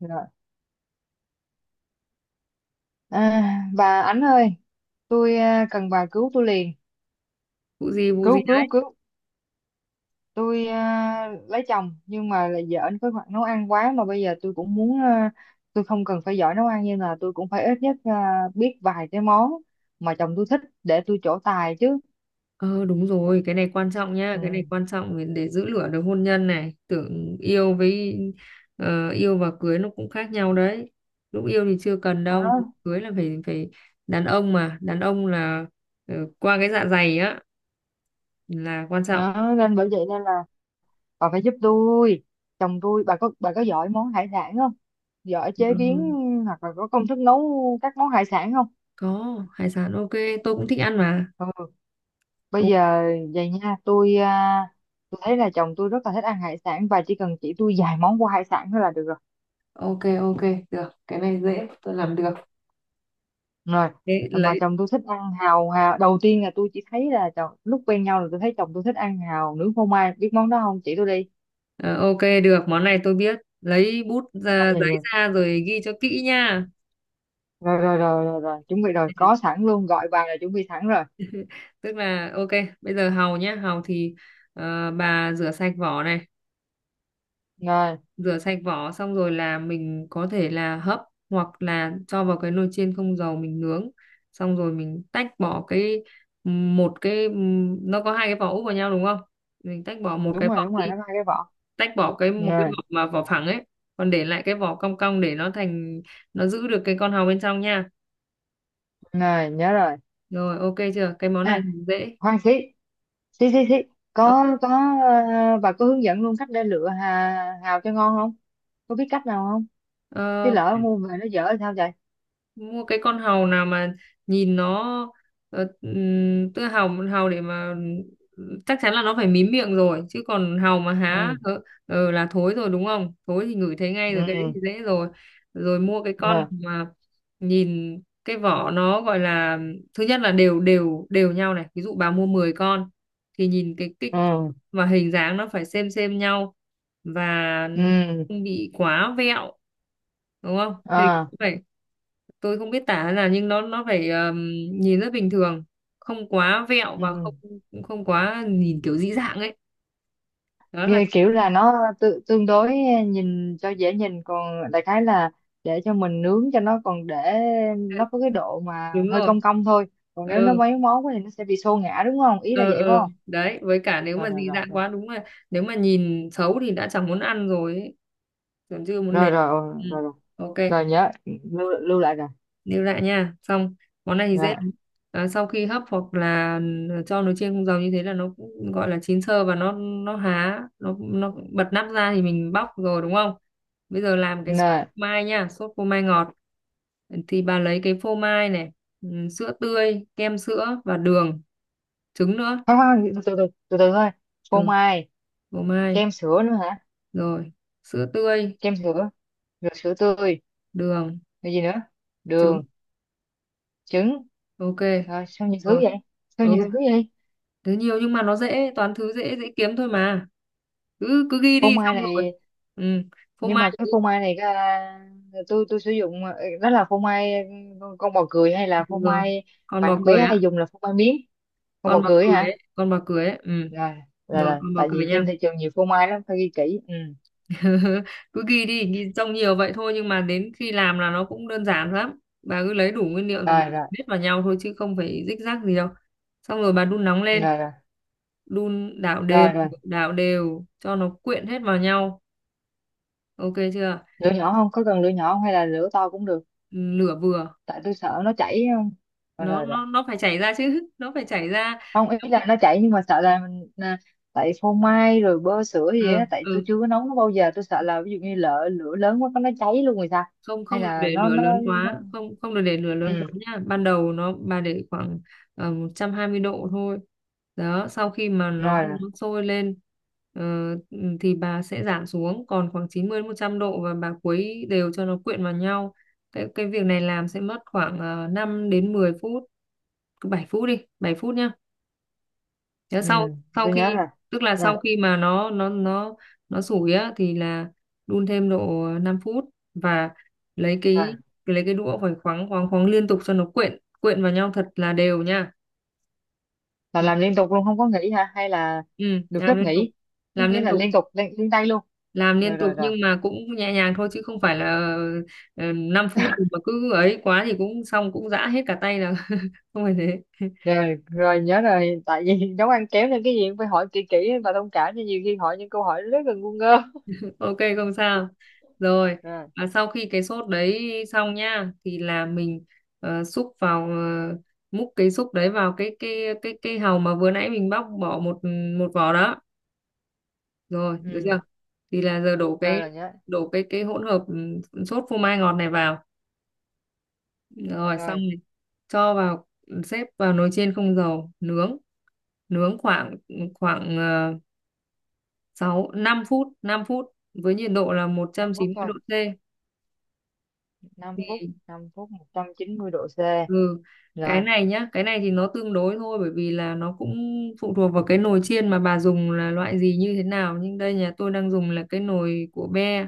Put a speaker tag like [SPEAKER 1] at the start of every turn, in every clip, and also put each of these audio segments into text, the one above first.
[SPEAKER 1] Rồi. À, bà Ánh ơi, tôi cần bà cứu tôi liền.
[SPEAKER 2] Vụ gì
[SPEAKER 1] Cứu,
[SPEAKER 2] đấy?
[SPEAKER 1] cứu, cứu. Tôi lấy chồng, nhưng mà là vợ anh có khoảng nấu ăn quá mà bây giờ tôi cũng muốn, tôi không cần phải giỏi nấu ăn nhưng là tôi cũng phải ít nhất, biết vài cái món mà chồng tôi thích để tôi trổ tài chứ.
[SPEAKER 2] Ờ Đúng rồi, cái này quan trọng nha,
[SPEAKER 1] Ừ.
[SPEAKER 2] cái này quan trọng để giữ lửa được hôn nhân. Này tưởng yêu với yêu và cưới nó cũng khác nhau đấy. Lúc yêu thì chưa cần đâu,
[SPEAKER 1] Đó.
[SPEAKER 2] cưới là phải phải đàn ông, mà đàn ông là qua cái dạ dày á là quan trọng.
[SPEAKER 1] Đó. Nên bởi vậy nên là bà phải giúp tôi. Chồng tôi, bà có giỏi món hải sản không? Giỏi chế biến
[SPEAKER 2] Ừ,
[SPEAKER 1] hoặc là có công thức nấu các món hải sản không?
[SPEAKER 2] có hải sản, ok, tôi cũng thích ăn mà.
[SPEAKER 1] Ừ. Bây
[SPEAKER 2] Đúng.
[SPEAKER 1] giờ vậy nha tôi thấy là chồng tôi rất là thích ăn hải sản và chỉ cần chỉ tôi vài món của hải sản thôi là được rồi,
[SPEAKER 2] Ok, ok, được cái này dễ, tôi làm được.
[SPEAKER 1] rồi
[SPEAKER 2] Thế
[SPEAKER 1] mà
[SPEAKER 2] lấy.
[SPEAKER 1] chồng tôi thích ăn hàu, hào đầu tiên là tôi chỉ thấy là chồng lúc quen nhau là tôi thấy chồng tôi thích ăn hàu nướng phô mai, biết món đó không, chỉ tôi đi.
[SPEAKER 2] Ờ, ok, được, món này tôi biết. Lấy bút ra,
[SPEAKER 1] Rồi
[SPEAKER 2] giấy
[SPEAKER 1] rồi
[SPEAKER 2] ra rồi ghi cho kỹ nha.
[SPEAKER 1] rồi rồi, rồi, rồi, rồi. Chuẩn bị rồi, có sẵn luôn, gọi bàn là chuẩn bị sẵn rồi.
[SPEAKER 2] Tức là ok, bây giờ hàu nhá, hàu thì bà rửa sạch vỏ này,
[SPEAKER 1] Rồi,
[SPEAKER 2] rửa sạch vỏ xong rồi là mình có thể là hấp, hoặc là cho vào cái nồi chiên không dầu mình nướng. Xong rồi mình tách bỏ cái một cái, nó có hai cái vỏ úp vào nhau đúng không? Mình tách bỏ một cái
[SPEAKER 1] đúng rồi,
[SPEAKER 2] vỏ
[SPEAKER 1] đúng
[SPEAKER 2] đi,
[SPEAKER 1] rồi, nó có hai cái vỏ.
[SPEAKER 2] tách bỏ cái một cái
[SPEAKER 1] Rồi,
[SPEAKER 2] vỏ mà vỏ phẳng ấy, còn để lại cái vỏ cong cong để nó thành, nó giữ được cái con hàu bên trong nha.
[SPEAKER 1] rồi nhớ rồi.
[SPEAKER 2] Rồi, ok chưa? Cái món này
[SPEAKER 1] À,
[SPEAKER 2] thì dễ.
[SPEAKER 1] khoan xí. Xí xí xí.
[SPEAKER 2] Ờ,
[SPEAKER 1] Có, bà có hướng dẫn luôn cách để lựa hào cho ngon không? Có biết cách nào không? Chứ
[SPEAKER 2] ờ,
[SPEAKER 1] lỡ mua về nó dở thì sao vậy?
[SPEAKER 2] mua cái con hàu nào mà nhìn nó, tức hàu hàu để mà chắc chắn là nó phải mím miệng rồi, chứ còn hàu mà há
[SPEAKER 1] Ừ,
[SPEAKER 2] là thối rồi đúng không, thối thì ngửi thấy ngay rồi, cái đấy
[SPEAKER 1] ừ
[SPEAKER 2] thì dễ rồi. Rồi mua cái con
[SPEAKER 1] nè,
[SPEAKER 2] mà nhìn cái vỏ, nó gọi là, thứ nhất là đều, đều nhau này, ví dụ bà mua 10 con thì nhìn cái kích
[SPEAKER 1] ừ,
[SPEAKER 2] và hình dáng nó phải xem nhau, và nó
[SPEAKER 1] ừ,
[SPEAKER 2] không bị quá vẹo, đúng không, hình
[SPEAKER 1] à
[SPEAKER 2] cũng phải, tôi không biết tả là nhưng nó phải nhìn rất bình thường, không quá vẹo và không,
[SPEAKER 1] ừ.
[SPEAKER 2] không quá nhìn kiểu dị dạng ấy. Đó là
[SPEAKER 1] Nghe kiểu là nó tự, tương đối nhìn cho dễ nhìn, còn đại khái là để cho mình nướng cho nó, còn để nó có cái độ mà
[SPEAKER 2] đúng
[SPEAKER 1] hơi
[SPEAKER 2] rồi.
[SPEAKER 1] cong cong thôi. Còn nếu nó
[SPEAKER 2] ừ
[SPEAKER 1] mấy món quá thì nó sẽ bị xô ngã, đúng không? Ý là
[SPEAKER 2] ừ
[SPEAKER 1] vậy phải
[SPEAKER 2] ừ
[SPEAKER 1] không?
[SPEAKER 2] đấy, với cả nếu
[SPEAKER 1] Rồi
[SPEAKER 2] mà
[SPEAKER 1] rồi
[SPEAKER 2] dị dạng
[SPEAKER 1] rồi
[SPEAKER 2] quá đúng là, nếu mà nhìn xấu thì đã chẳng muốn ăn rồi ấy, còn chưa muốn
[SPEAKER 1] rồi,
[SPEAKER 2] nếm.
[SPEAKER 1] rồi rồi
[SPEAKER 2] Ừ.
[SPEAKER 1] rồi, rồi.
[SPEAKER 2] Ok,
[SPEAKER 1] Rồi nhớ lưu lại rồi.
[SPEAKER 2] lưu lại nha, xong món này thì dễ
[SPEAKER 1] Rồi,
[SPEAKER 2] lắm. Sau khi hấp hoặc là cho nồi chiên không dầu như thế là nó cũng gọi là chín sơ, và nó há, nó bật nắp ra thì mình bóc rồi đúng không. Bây giờ làm cái sốt phô
[SPEAKER 1] nè,
[SPEAKER 2] mai nha, sốt phô mai ngọt thì bà lấy cái phô mai này, ừ, sữa tươi, kem sữa và đường, trứng nữa.
[SPEAKER 1] khoan khoan, từ từ từ từ từ thôi. Phô
[SPEAKER 2] Ừ,
[SPEAKER 1] mai,
[SPEAKER 2] phô mai,
[SPEAKER 1] kem sữa nữa hả?
[SPEAKER 2] rồi sữa tươi,
[SPEAKER 1] Kem sữa, rồi sữa tươi,
[SPEAKER 2] đường,
[SPEAKER 1] rồi gì nữa,
[SPEAKER 2] trứng,
[SPEAKER 1] đường, trứng.
[SPEAKER 2] ok,
[SPEAKER 1] Rồi sao nhiều thứ
[SPEAKER 2] rồi,
[SPEAKER 1] vậy, sao nhiều
[SPEAKER 2] ừ,
[SPEAKER 1] thứ vậy.
[SPEAKER 2] thứ nhiều nhưng mà nó dễ, toàn thứ dễ dễ kiếm thôi mà, cứ cứ ghi
[SPEAKER 1] Phô
[SPEAKER 2] đi
[SPEAKER 1] mai
[SPEAKER 2] xong rồi.
[SPEAKER 1] này,
[SPEAKER 2] Ừ. Phô
[SPEAKER 1] nhưng
[SPEAKER 2] mai
[SPEAKER 1] mà cái
[SPEAKER 2] thì
[SPEAKER 1] phô mai này, tôi sử dụng, đó là phô mai, con bò cười hay là
[SPEAKER 2] được
[SPEAKER 1] phô
[SPEAKER 2] rồi,
[SPEAKER 1] mai
[SPEAKER 2] còn
[SPEAKER 1] mà
[SPEAKER 2] bò
[SPEAKER 1] em
[SPEAKER 2] cười
[SPEAKER 1] bé
[SPEAKER 2] á,
[SPEAKER 1] hay dùng là phô mai miếng. Con bò
[SPEAKER 2] còn bò
[SPEAKER 1] cười
[SPEAKER 2] cười ấy,
[SPEAKER 1] hả?
[SPEAKER 2] còn bò cười ấy. Ừ.
[SPEAKER 1] Rồi rồi
[SPEAKER 2] Rồi
[SPEAKER 1] rồi,
[SPEAKER 2] còn bò
[SPEAKER 1] tại
[SPEAKER 2] cười
[SPEAKER 1] vì
[SPEAKER 2] nha.
[SPEAKER 1] trên thị trường nhiều phô mai lắm, phải ghi kỹ. Ừ.
[SPEAKER 2] Cứ ghi đi, ghi trông nhiều vậy thôi nhưng mà đến khi làm là nó cũng đơn giản lắm, bà cứ lấy đủ nguyên liệu rồi bà
[SPEAKER 1] Rồi rồi
[SPEAKER 2] biết vào nhau thôi chứ không phải rích rắc gì đâu. Xong rồi bà đun nóng lên,
[SPEAKER 1] rồi rồi
[SPEAKER 2] đun đảo đều,
[SPEAKER 1] rồi rồi.
[SPEAKER 2] đảo đều cho nó quyện hết vào nhau, ok chưa?
[SPEAKER 1] Lửa nhỏ, không có cần lửa nhỏ không hay là lửa to cũng được?
[SPEAKER 2] Ừ, lửa vừa,
[SPEAKER 1] Tại tôi sợ nó chảy ấy, không? Rồi,
[SPEAKER 2] nó
[SPEAKER 1] rồi, rồi.
[SPEAKER 2] nó nó phải chảy ra chứ, nó phải chảy ra.
[SPEAKER 1] Không, ý là nó chảy nhưng mà sợ là mình, tại phô mai rồi bơ sữa gì
[SPEAKER 2] Ừ,
[SPEAKER 1] á, tại tôi
[SPEAKER 2] ừ,
[SPEAKER 1] chưa có nấu nó bao giờ, tôi sợ là ví dụ như lỡ lửa lớn quá, có nó cháy luôn rồi sao?
[SPEAKER 2] không
[SPEAKER 1] Hay
[SPEAKER 2] không được
[SPEAKER 1] là
[SPEAKER 2] để
[SPEAKER 1] nó
[SPEAKER 2] lửa
[SPEAKER 1] nó,
[SPEAKER 2] lớn
[SPEAKER 1] nó...
[SPEAKER 2] quá, không không được để lửa lớn quá
[SPEAKER 1] Ừ.
[SPEAKER 2] nha, ban đầu nó bà để khoảng 120 độ thôi. Đó, sau khi mà nó
[SPEAKER 1] Rồi rồi.
[SPEAKER 2] nó sôi lên ờ, thì bà sẽ giảm xuống còn khoảng 90 đến 100 độ, và bà khuấy đều cho nó quyện vào nhau. Cái việc này làm sẽ mất khoảng 5 đến 10 phút, cứ 7 phút đi, 7 phút nhá. Thế
[SPEAKER 1] Ừ,
[SPEAKER 2] sau, sau
[SPEAKER 1] tôi nhớ
[SPEAKER 2] khi,
[SPEAKER 1] rồi
[SPEAKER 2] tức là
[SPEAKER 1] nè.
[SPEAKER 2] sau khi mà nó nó sủi á thì là đun thêm độ 5 phút, và lấy
[SPEAKER 1] Rồi
[SPEAKER 2] cái, lấy cái đũa phải khoáng khoáng khoáng liên tục cho nó quyện quyện vào nhau thật là đều nha.
[SPEAKER 1] là
[SPEAKER 2] Thì,
[SPEAKER 1] làm liên tục luôn, không có nghỉ hả, hay là
[SPEAKER 2] ừ,
[SPEAKER 1] được
[SPEAKER 2] làm
[SPEAKER 1] phép
[SPEAKER 2] liên tục,
[SPEAKER 1] nghỉ? Có
[SPEAKER 2] làm
[SPEAKER 1] nghĩa
[SPEAKER 2] liên
[SPEAKER 1] là
[SPEAKER 2] tục,
[SPEAKER 1] liên tục, liên tay luôn.
[SPEAKER 2] làm
[SPEAKER 1] Rồi
[SPEAKER 2] liên tục
[SPEAKER 1] rồi rồi.
[SPEAKER 2] nhưng mà cũng nhẹ nhàng thôi, chứ không phải là 5 phút mà cứ ấy quá thì cũng xong, cũng giã hết cả tay là không phải thế.
[SPEAKER 1] Rồi, rồi nhớ rồi, tại vì nấu ăn kéo nên cái gì cũng phải hỏi kỹ kỹ, và thông cảm cho nhiều khi hỏi những câu hỏi rất là ngu ngơ.
[SPEAKER 2] Ok, không sao, rồi,
[SPEAKER 1] Rồi.
[SPEAKER 2] và sau khi cái sốt đấy xong nha, thì là mình xúc vào, múc cái xúc đấy vào cái hàu mà vừa nãy mình bóc bỏ một, một vỏ đó, rồi được
[SPEAKER 1] Ừ,
[SPEAKER 2] chưa? Thì là giờ đổ
[SPEAKER 1] rồi
[SPEAKER 2] cái,
[SPEAKER 1] rồi nhớ
[SPEAKER 2] đổ cái hỗn hợp sốt phô mai ngọt này vào, rồi xong
[SPEAKER 1] rồi.
[SPEAKER 2] rồi, cho vào, xếp vào nồi chiên không dầu nướng, nướng khoảng, khoảng, uh, 6 5 phút, 5 phút với nhiệt độ là một trăm
[SPEAKER 1] năm
[SPEAKER 2] chín
[SPEAKER 1] phút
[SPEAKER 2] mươi
[SPEAKER 1] thôi,
[SPEAKER 2] độ
[SPEAKER 1] 5 phút,
[SPEAKER 2] C
[SPEAKER 1] 5 phút, 190°C.
[SPEAKER 2] Ừ, cái
[SPEAKER 1] Rồi.
[SPEAKER 2] này nhá, cái này thì nó tương đối thôi, bởi vì là nó cũng phụ thuộc vào cái nồi chiên mà bà dùng là loại gì như thế nào, nhưng đây nhà tôi đang dùng là cái nồi của be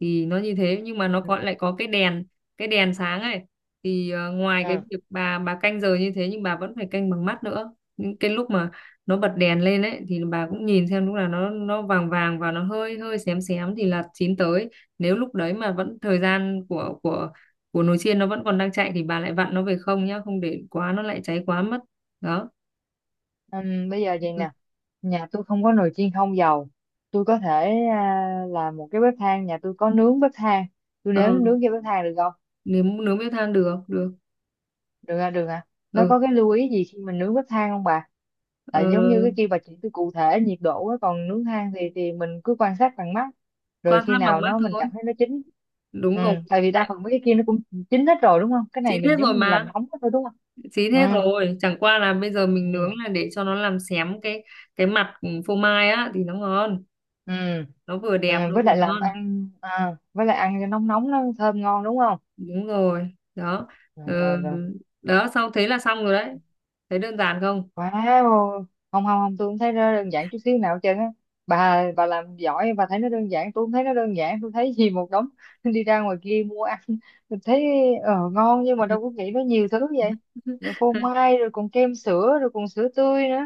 [SPEAKER 2] thì nó như thế, nhưng mà nó
[SPEAKER 1] Ừ.
[SPEAKER 2] có lại có cái đèn, cái đèn sáng ấy, thì ngoài cái
[SPEAKER 1] Ừ.
[SPEAKER 2] việc bà canh giờ như thế nhưng bà vẫn phải canh bằng mắt nữa, những cái lúc mà nó bật đèn lên ấy thì bà cũng nhìn xem lúc nào nó vàng vàng và nó hơi hơi xém xém thì là chín tới. Nếu lúc đấy mà vẫn thời gian của nồi chiên nó vẫn còn đang chạy thì bà lại vặn nó về không nhá, không để quá nó lại cháy quá mất. Đó.
[SPEAKER 1] Bây giờ vậy nè, nhà tôi không có nồi chiên không dầu, tôi có thể, làm một cái bếp than, nhà tôi có nướng bếp than, tôi
[SPEAKER 2] ờ,
[SPEAKER 1] nếm nướng cái bếp than được không?
[SPEAKER 2] Nướng, nướng bếp than được, được.
[SPEAKER 1] Được à, được à. Nó
[SPEAKER 2] Ừ.
[SPEAKER 1] có cái lưu ý gì khi mình nướng bếp than không bà?
[SPEAKER 2] ờ,
[SPEAKER 1] Tại giống như cái kia bà chỉ cứ cụ thể nhiệt độ á, còn nướng than thì mình cứ quan sát bằng mắt, rồi
[SPEAKER 2] Quan
[SPEAKER 1] khi
[SPEAKER 2] sát bằng
[SPEAKER 1] nào
[SPEAKER 2] mắt
[SPEAKER 1] nó mình
[SPEAKER 2] thôi,
[SPEAKER 1] cảm thấy nó chín. Ừ,
[SPEAKER 2] đúng rồi.
[SPEAKER 1] tại vì đa
[SPEAKER 2] Tại-
[SPEAKER 1] phần mấy cái kia nó cũng chín hết rồi đúng không, cái này
[SPEAKER 2] chín hết
[SPEAKER 1] mình
[SPEAKER 2] rồi
[SPEAKER 1] giống như mình làm
[SPEAKER 2] mà,
[SPEAKER 1] nóng hết thôi, đúng không?
[SPEAKER 2] chín hết
[SPEAKER 1] Ừ.
[SPEAKER 2] rồi, chẳng qua là bây giờ mình nướng
[SPEAKER 1] Ừ
[SPEAKER 2] là để cho nó làm xém cái mặt phô mai á thì nó ngon,
[SPEAKER 1] ừ,
[SPEAKER 2] nó vừa
[SPEAKER 1] ừ.
[SPEAKER 2] đẹp nó
[SPEAKER 1] Với
[SPEAKER 2] vừa
[SPEAKER 1] lại làm
[SPEAKER 2] ngon.
[SPEAKER 1] ăn, với lại ăn cho nóng nóng nó thơm ngon, đúng không?
[SPEAKER 2] Đúng rồi đó. Ờ,
[SPEAKER 1] Rồi rồi rồi.
[SPEAKER 2] đó xong thế là xong rồi đấy, thấy đơn giản không?
[SPEAKER 1] Wow, không, không không, tôi không thấy nó đơn giản chút xíu nào hết trơn á. Bà làm giỏi bà thấy nó đơn giản, tôi không thấy nó đơn giản, tôi thấy gì một đống đi ra ngoài kia mua ăn, mình thấy ngon nhưng mà đâu có nghĩ nó nhiều thứ vậy. Rồi phô mai rồi còn kem sữa rồi còn sữa tươi nữa.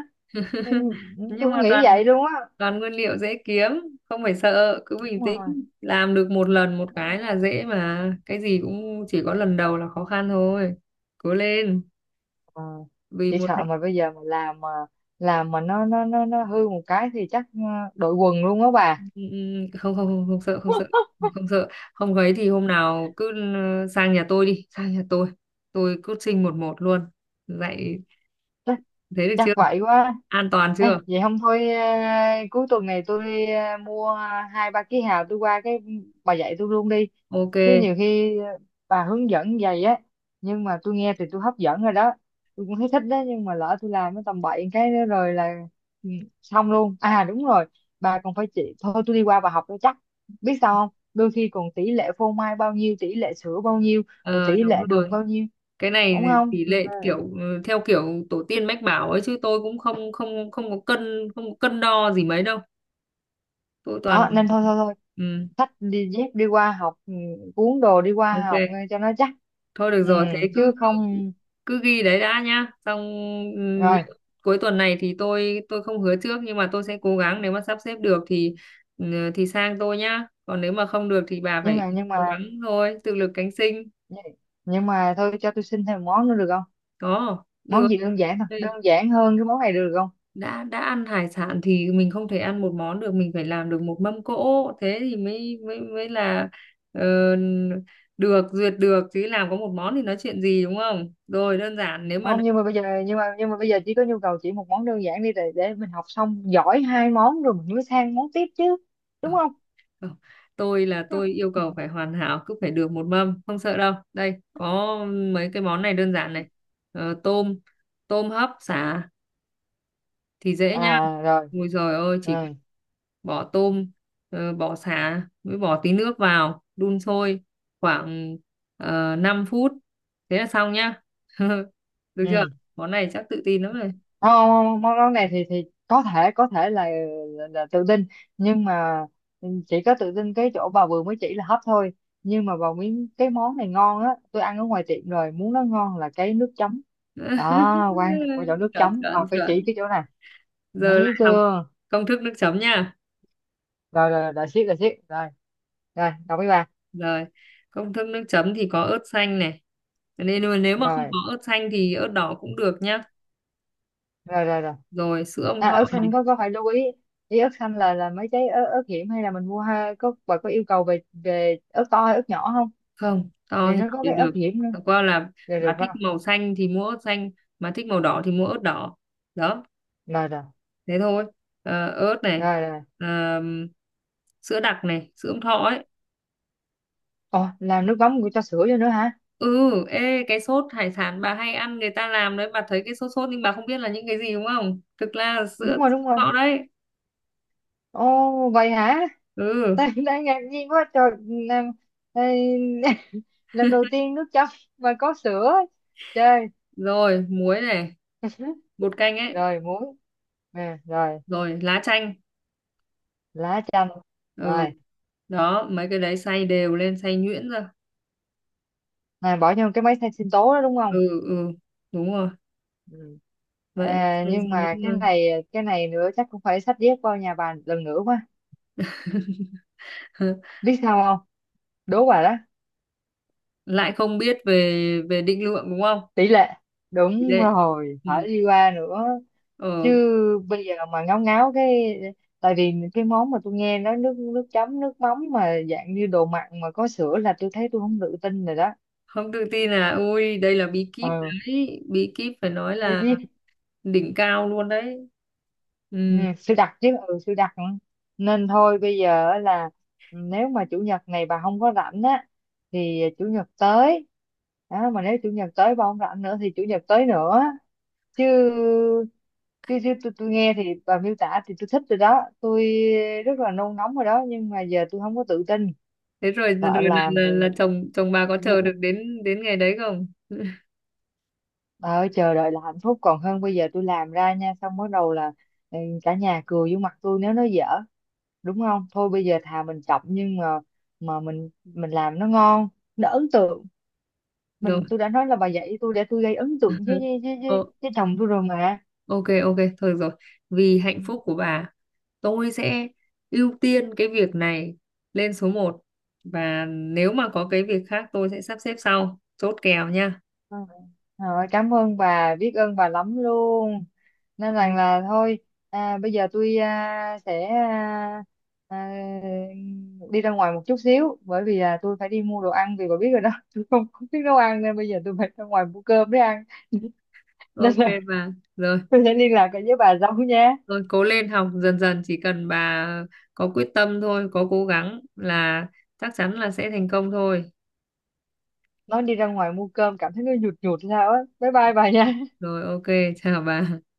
[SPEAKER 1] Nên
[SPEAKER 2] Nhưng
[SPEAKER 1] tôi không
[SPEAKER 2] mà
[SPEAKER 1] nghĩ vậy luôn á.
[SPEAKER 2] toàn nguyên liệu dễ kiếm, không phải sợ, cứ bình
[SPEAKER 1] Đúng
[SPEAKER 2] tĩnh,
[SPEAKER 1] rồi.
[SPEAKER 2] làm được một lần một cái là dễ mà, cái gì cũng chỉ có lần đầu là khó khăn thôi, cố lên,
[SPEAKER 1] Ờ,
[SPEAKER 2] vì
[SPEAKER 1] chỉ
[SPEAKER 2] một
[SPEAKER 1] sợ
[SPEAKER 2] hạnh.
[SPEAKER 1] mà bây giờ mà làm mà nó hư một cái thì chắc, đội quần luôn á
[SPEAKER 2] ừ,
[SPEAKER 1] bà.
[SPEAKER 2] ừ, Không không không không sợ, không sợ, không sợ, không ấy thì hôm nào cứ sang nhà tôi đi, sang nhà tôi coaching một một luôn, dạy. Thế được
[SPEAKER 1] Chắc
[SPEAKER 2] chưa?
[SPEAKER 1] vậy quá.
[SPEAKER 2] An toàn
[SPEAKER 1] Ê,
[SPEAKER 2] chưa?
[SPEAKER 1] vậy không thôi, cuối tuần này tôi, mua 2-3 ký hào, tôi qua cái bà dạy tôi luôn đi. Chứ
[SPEAKER 2] Ok.
[SPEAKER 1] nhiều khi, bà hướng dẫn vậy á, nhưng mà tôi nghe thì tôi hấp dẫn rồi đó, tôi cũng thấy thích đó, nhưng mà lỡ tôi làm cái tầm bậy cái nữa rồi là ừ, xong luôn à đúng rồi, bà còn phải chỉ, thôi tôi đi qua bà học cho chắc. Biết sao không, đôi khi còn tỷ lệ phô mai bao nhiêu, tỷ lệ sữa bao nhiêu, rồi
[SPEAKER 2] Ờ,
[SPEAKER 1] tỷ
[SPEAKER 2] Đúng
[SPEAKER 1] lệ đường
[SPEAKER 2] rồi,
[SPEAKER 1] bao nhiêu,
[SPEAKER 2] cái này
[SPEAKER 1] đúng không?
[SPEAKER 2] tỷ
[SPEAKER 1] Ừ,
[SPEAKER 2] lệ kiểu, theo kiểu tổ tiên mách bảo ấy, chứ tôi cũng không không không có cân, không có cân đo gì mấy đâu, tôi toàn
[SPEAKER 1] đó nên thôi thôi thôi,
[SPEAKER 2] ừ,
[SPEAKER 1] xách đi dép đi qua học, cuốn đồ đi qua học
[SPEAKER 2] ok.
[SPEAKER 1] nghe cho nó chắc
[SPEAKER 2] Thôi được
[SPEAKER 1] ừ,
[SPEAKER 2] rồi, thế
[SPEAKER 1] chứ
[SPEAKER 2] cứ cứ
[SPEAKER 1] không.
[SPEAKER 2] cứ ghi đấy đã nhá, xong, ừ,
[SPEAKER 1] Rồi,
[SPEAKER 2] những- cuối tuần này thì tôi không hứa trước, nhưng mà tôi sẽ cố gắng, nếu mà sắp xếp được thì, ừ, thì sang tôi nhá, còn nếu mà không được thì bà
[SPEAKER 1] nhưng
[SPEAKER 2] phải
[SPEAKER 1] mà nhưng
[SPEAKER 2] cố
[SPEAKER 1] mà
[SPEAKER 2] gắng thôi, tự lực cánh sinh.
[SPEAKER 1] nhưng nhưng mà thôi cho tôi xin thêm một món nữa được không,
[SPEAKER 2] Có được.
[SPEAKER 1] món gì đơn giản thôi, đơn giản hơn cái món này được không?
[SPEAKER 2] Đã ăn hải sản thì mình không thể ăn một món được, mình phải làm được một mâm cỗ, thế thì mới mới mới là ờ, được duyệt, được chứ làm có một món thì nói chuyện gì đúng không? Rồi đơn giản nếu mà.
[SPEAKER 1] Không, nhưng mà bây giờ nhưng mà bây giờ chỉ có nhu cầu chỉ một món đơn giản đi để mình học xong giỏi hai món rồi mình mới sang món tiếp chứ, đúng
[SPEAKER 2] Không,
[SPEAKER 1] không?
[SPEAKER 2] không, tôi là tôi yêu cầu phải hoàn hảo, cứ phải được một mâm, không sợ đâu, đây có mấy cái món này đơn giản này. Ờ, tôm, tôm hấp xả thì dễ nhá,
[SPEAKER 1] Rồi,
[SPEAKER 2] ôi giời ơi, chỉ
[SPEAKER 1] ừ,
[SPEAKER 2] bỏ tôm, bỏ sả mới bỏ tí nước vào đun sôi khoảng uh, 5 phút, thế là xong nhá. Được chưa?
[SPEAKER 1] ừ.
[SPEAKER 2] Món này chắc tự tin lắm rồi.
[SPEAKER 1] Ờ, món món này thì có thể là tự tin, nhưng mà chỉ có tự tin cái chỗ bà vừa mới chỉ là hấp thôi, nhưng mà vào miếng cái món này ngon á, tôi ăn ở ngoài tiệm rồi, muốn nó ngon là cái nước chấm đó quan trọng, cái chỗ nước
[SPEAKER 2] Chuẩn,
[SPEAKER 1] chấm bà
[SPEAKER 2] chuẩn,
[SPEAKER 1] phải
[SPEAKER 2] chuẩn,
[SPEAKER 1] chỉ cái chỗ này.
[SPEAKER 2] giờ
[SPEAKER 1] Thấy
[SPEAKER 2] lại học
[SPEAKER 1] chưa?
[SPEAKER 2] công thức nước chấm nha.
[SPEAKER 1] Rồi rồi rồi, siết rồi, siết rồi. Rồi, đồng ý bà.
[SPEAKER 2] Rồi, công thức nước chấm thì có ớt xanh này, nên mà nếu mà không
[SPEAKER 1] Rồi
[SPEAKER 2] có ớt xanh thì ớt đỏ cũng được nhá,
[SPEAKER 1] rồi rồi rồi.
[SPEAKER 2] rồi sữa ông
[SPEAKER 1] À,
[SPEAKER 2] thọ.
[SPEAKER 1] ớt xanh có phải lưu ý, ý ớt xanh là mấy cái ớt hiểm, hay là mình mua, ha, bà có yêu cầu về về ớt to hay ớt nhỏ không,
[SPEAKER 2] Không, to
[SPEAKER 1] vì
[SPEAKER 2] thì nhỏ
[SPEAKER 1] nó có
[SPEAKER 2] đều
[SPEAKER 1] cái ớt
[SPEAKER 2] được,
[SPEAKER 1] hiểm nữa.
[SPEAKER 2] chẳng qua là
[SPEAKER 1] Rồi được
[SPEAKER 2] bà
[SPEAKER 1] không?
[SPEAKER 2] thích màu xanh thì mua ớt xanh, mà thích màu đỏ thì mua ớt đỏ, đó
[SPEAKER 1] Rồi rồi
[SPEAKER 2] thế thôi. Ờ, ớt này,
[SPEAKER 1] rồi rồi.
[SPEAKER 2] ờ, sữa đặc này, sữa ống thọ ấy.
[SPEAKER 1] Ồ, làm nước mắm của cho sữa vô nữa hả?
[SPEAKER 2] Ừ, ê cái sốt hải sản bà hay ăn người ta làm đấy, bà thấy cái sốt sốt nhưng bà không biết là những cái gì đúng không, thực ra là
[SPEAKER 1] Đúng
[SPEAKER 2] sữa ống
[SPEAKER 1] rồi, đúng rồi.
[SPEAKER 2] thọ đấy.
[SPEAKER 1] Ồ, vậy hả?
[SPEAKER 2] Ừ,
[SPEAKER 1] Tại em đang ngạc nhiên quá trời làm. Ê, lần đầu tiên nước chấm mà có sữa chơi.
[SPEAKER 2] rồi muối này, bột canh ấy,
[SPEAKER 1] Rồi muối, nè. Rồi
[SPEAKER 2] rồi lá chanh.
[SPEAKER 1] lá chanh.
[SPEAKER 2] Ừ.
[SPEAKER 1] Rồi,
[SPEAKER 2] Đó, mấy cái đấy xay đều lên, xay nhuyễn ra.
[SPEAKER 1] này bỏ vô cái máy xay sinh tố đó đúng không?
[SPEAKER 2] Ừ, ừ, đúng rồi,
[SPEAKER 1] Ừ.
[SPEAKER 2] vậy là
[SPEAKER 1] À,
[SPEAKER 2] xây ra
[SPEAKER 1] nhưng mà cái
[SPEAKER 2] những.
[SPEAKER 1] này cái này nữa chắc cũng phải xách dép qua nhà bà lần nữa quá. Biết sao không, đố bà đó,
[SPEAKER 2] Lại không biết về về định lượng đúng không,
[SPEAKER 1] tỷ lệ. Đúng
[SPEAKER 2] đấy.
[SPEAKER 1] rồi,
[SPEAKER 2] Ừ.
[SPEAKER 1] phải đi qua nữa, chứ
[SPEAKER 2] Ờ,
[SPEAKER 1] bây giờ mà ngáo ngáo cái. Tại vì cái món mà tôi nghe nó nước nước chấm, nước mắm mà dạng như đồ mặn mà có sữa là tôi thấy tôi không tự tin rồi đó.
[SPEAKER 2] không tự tin là ui đây là bí kíp
[SPEAKER 1] Ờ,
[SPEAKER 2] đấy, bí kíp phải nói
[SPEAKER 1] biết
[SPEAKER 2] là
[SPEAKER 1] chứ.
[SPEAKER 2] đỉnh cao luôn đấy.
[SPEAKER 1] Ừ,
[SPEAKER 2] Ừ.
[SPEAKER 1] sư đặt chứ, ừ, sư đặt. Ừ. Nên thôi bây giờ á là nếu mà chủ nhật này bà không có rảnh á, thì chủ nhật tới đó, mà nếu chủ nhật tới bà không rảnh nữa thì chủ nhật tới nữa, chứ chứ, chứ, tôi nghe thì bà miêu tả thì tôi thích rồi đó, tôi rất là nôn nóng rồi đó, nhưng mà giờ tôi không có tự tin,
[SPEAKER 2] Thế rồi rồi
[SPEAKER 1] sợ làm rồi
[SPEAKER 2] là chồng chồng bà có chờ được
[SPEAKER 1] ngu-
[SPEAKER 2] đến đến ngày đấy không?
[SPEAKER 1] bà. Chờ đợi là hạnh phúc, còn hơn bây giờ tôi làm ra nha xong bắt đầu là, cả nhà cười vô mặt tôi nếu nó dở, đúng không? Thôi bây giờ thà mình chọc, nhưng mà mình làm nó ngon, nó ấn tượng
[SPEAKER 2] Rồi.
[SPEAKER 1] mình, tôi đã nói là bà dạy tôi để tôi gây ấn tượng với với với,
[SPEAKER 2] Ờ,
[SPEAKER 1] với, với chồng tôi rồi mà.
[SPEAKER 2] ok, ok thôi được rồi, vì hạnh phúc của bà tôi sẽ ưu tiên cái việc này lên số một, và nếu mà có cái việc khác tôi sẽ sắp xếp sau, chốt kèo nha.
[SPEAKER 1] Ừ. Rồi, cảm ơn bà, biết ơn bà lắm luôn. Nên rằng là thôi, bây giờ tôi sẽ à, đi ra ngoài một chút xíu, bởi vì là tôi phải đi mua đồ ăn, vì bà biết rồi đó, tôi không biết nấu ăn nên bây giờ tôi phải ra ngoài mua cơm để ăn. Nên
[SPEAKER 2] Ok
[SPEAKER 1] là
[SPEAKER 2] bà, rồi
[SPEAKER 1] tôi sẽ liên lạc lại với bà sau nha.
[SPEAKER 2] rồi, cố lên, học dần dần, chỉ cần bà có quyết tâm thôi, có cố gắng là chắc chắn là sẽ thành công thôi.
[SPEAKER 1] Nói đi ra ngoài mua cơm cảm thấy nó nhụt nhụt sao á, bye bye bà nha.
[SPEAKER 2] Rồi, ok, chào bà.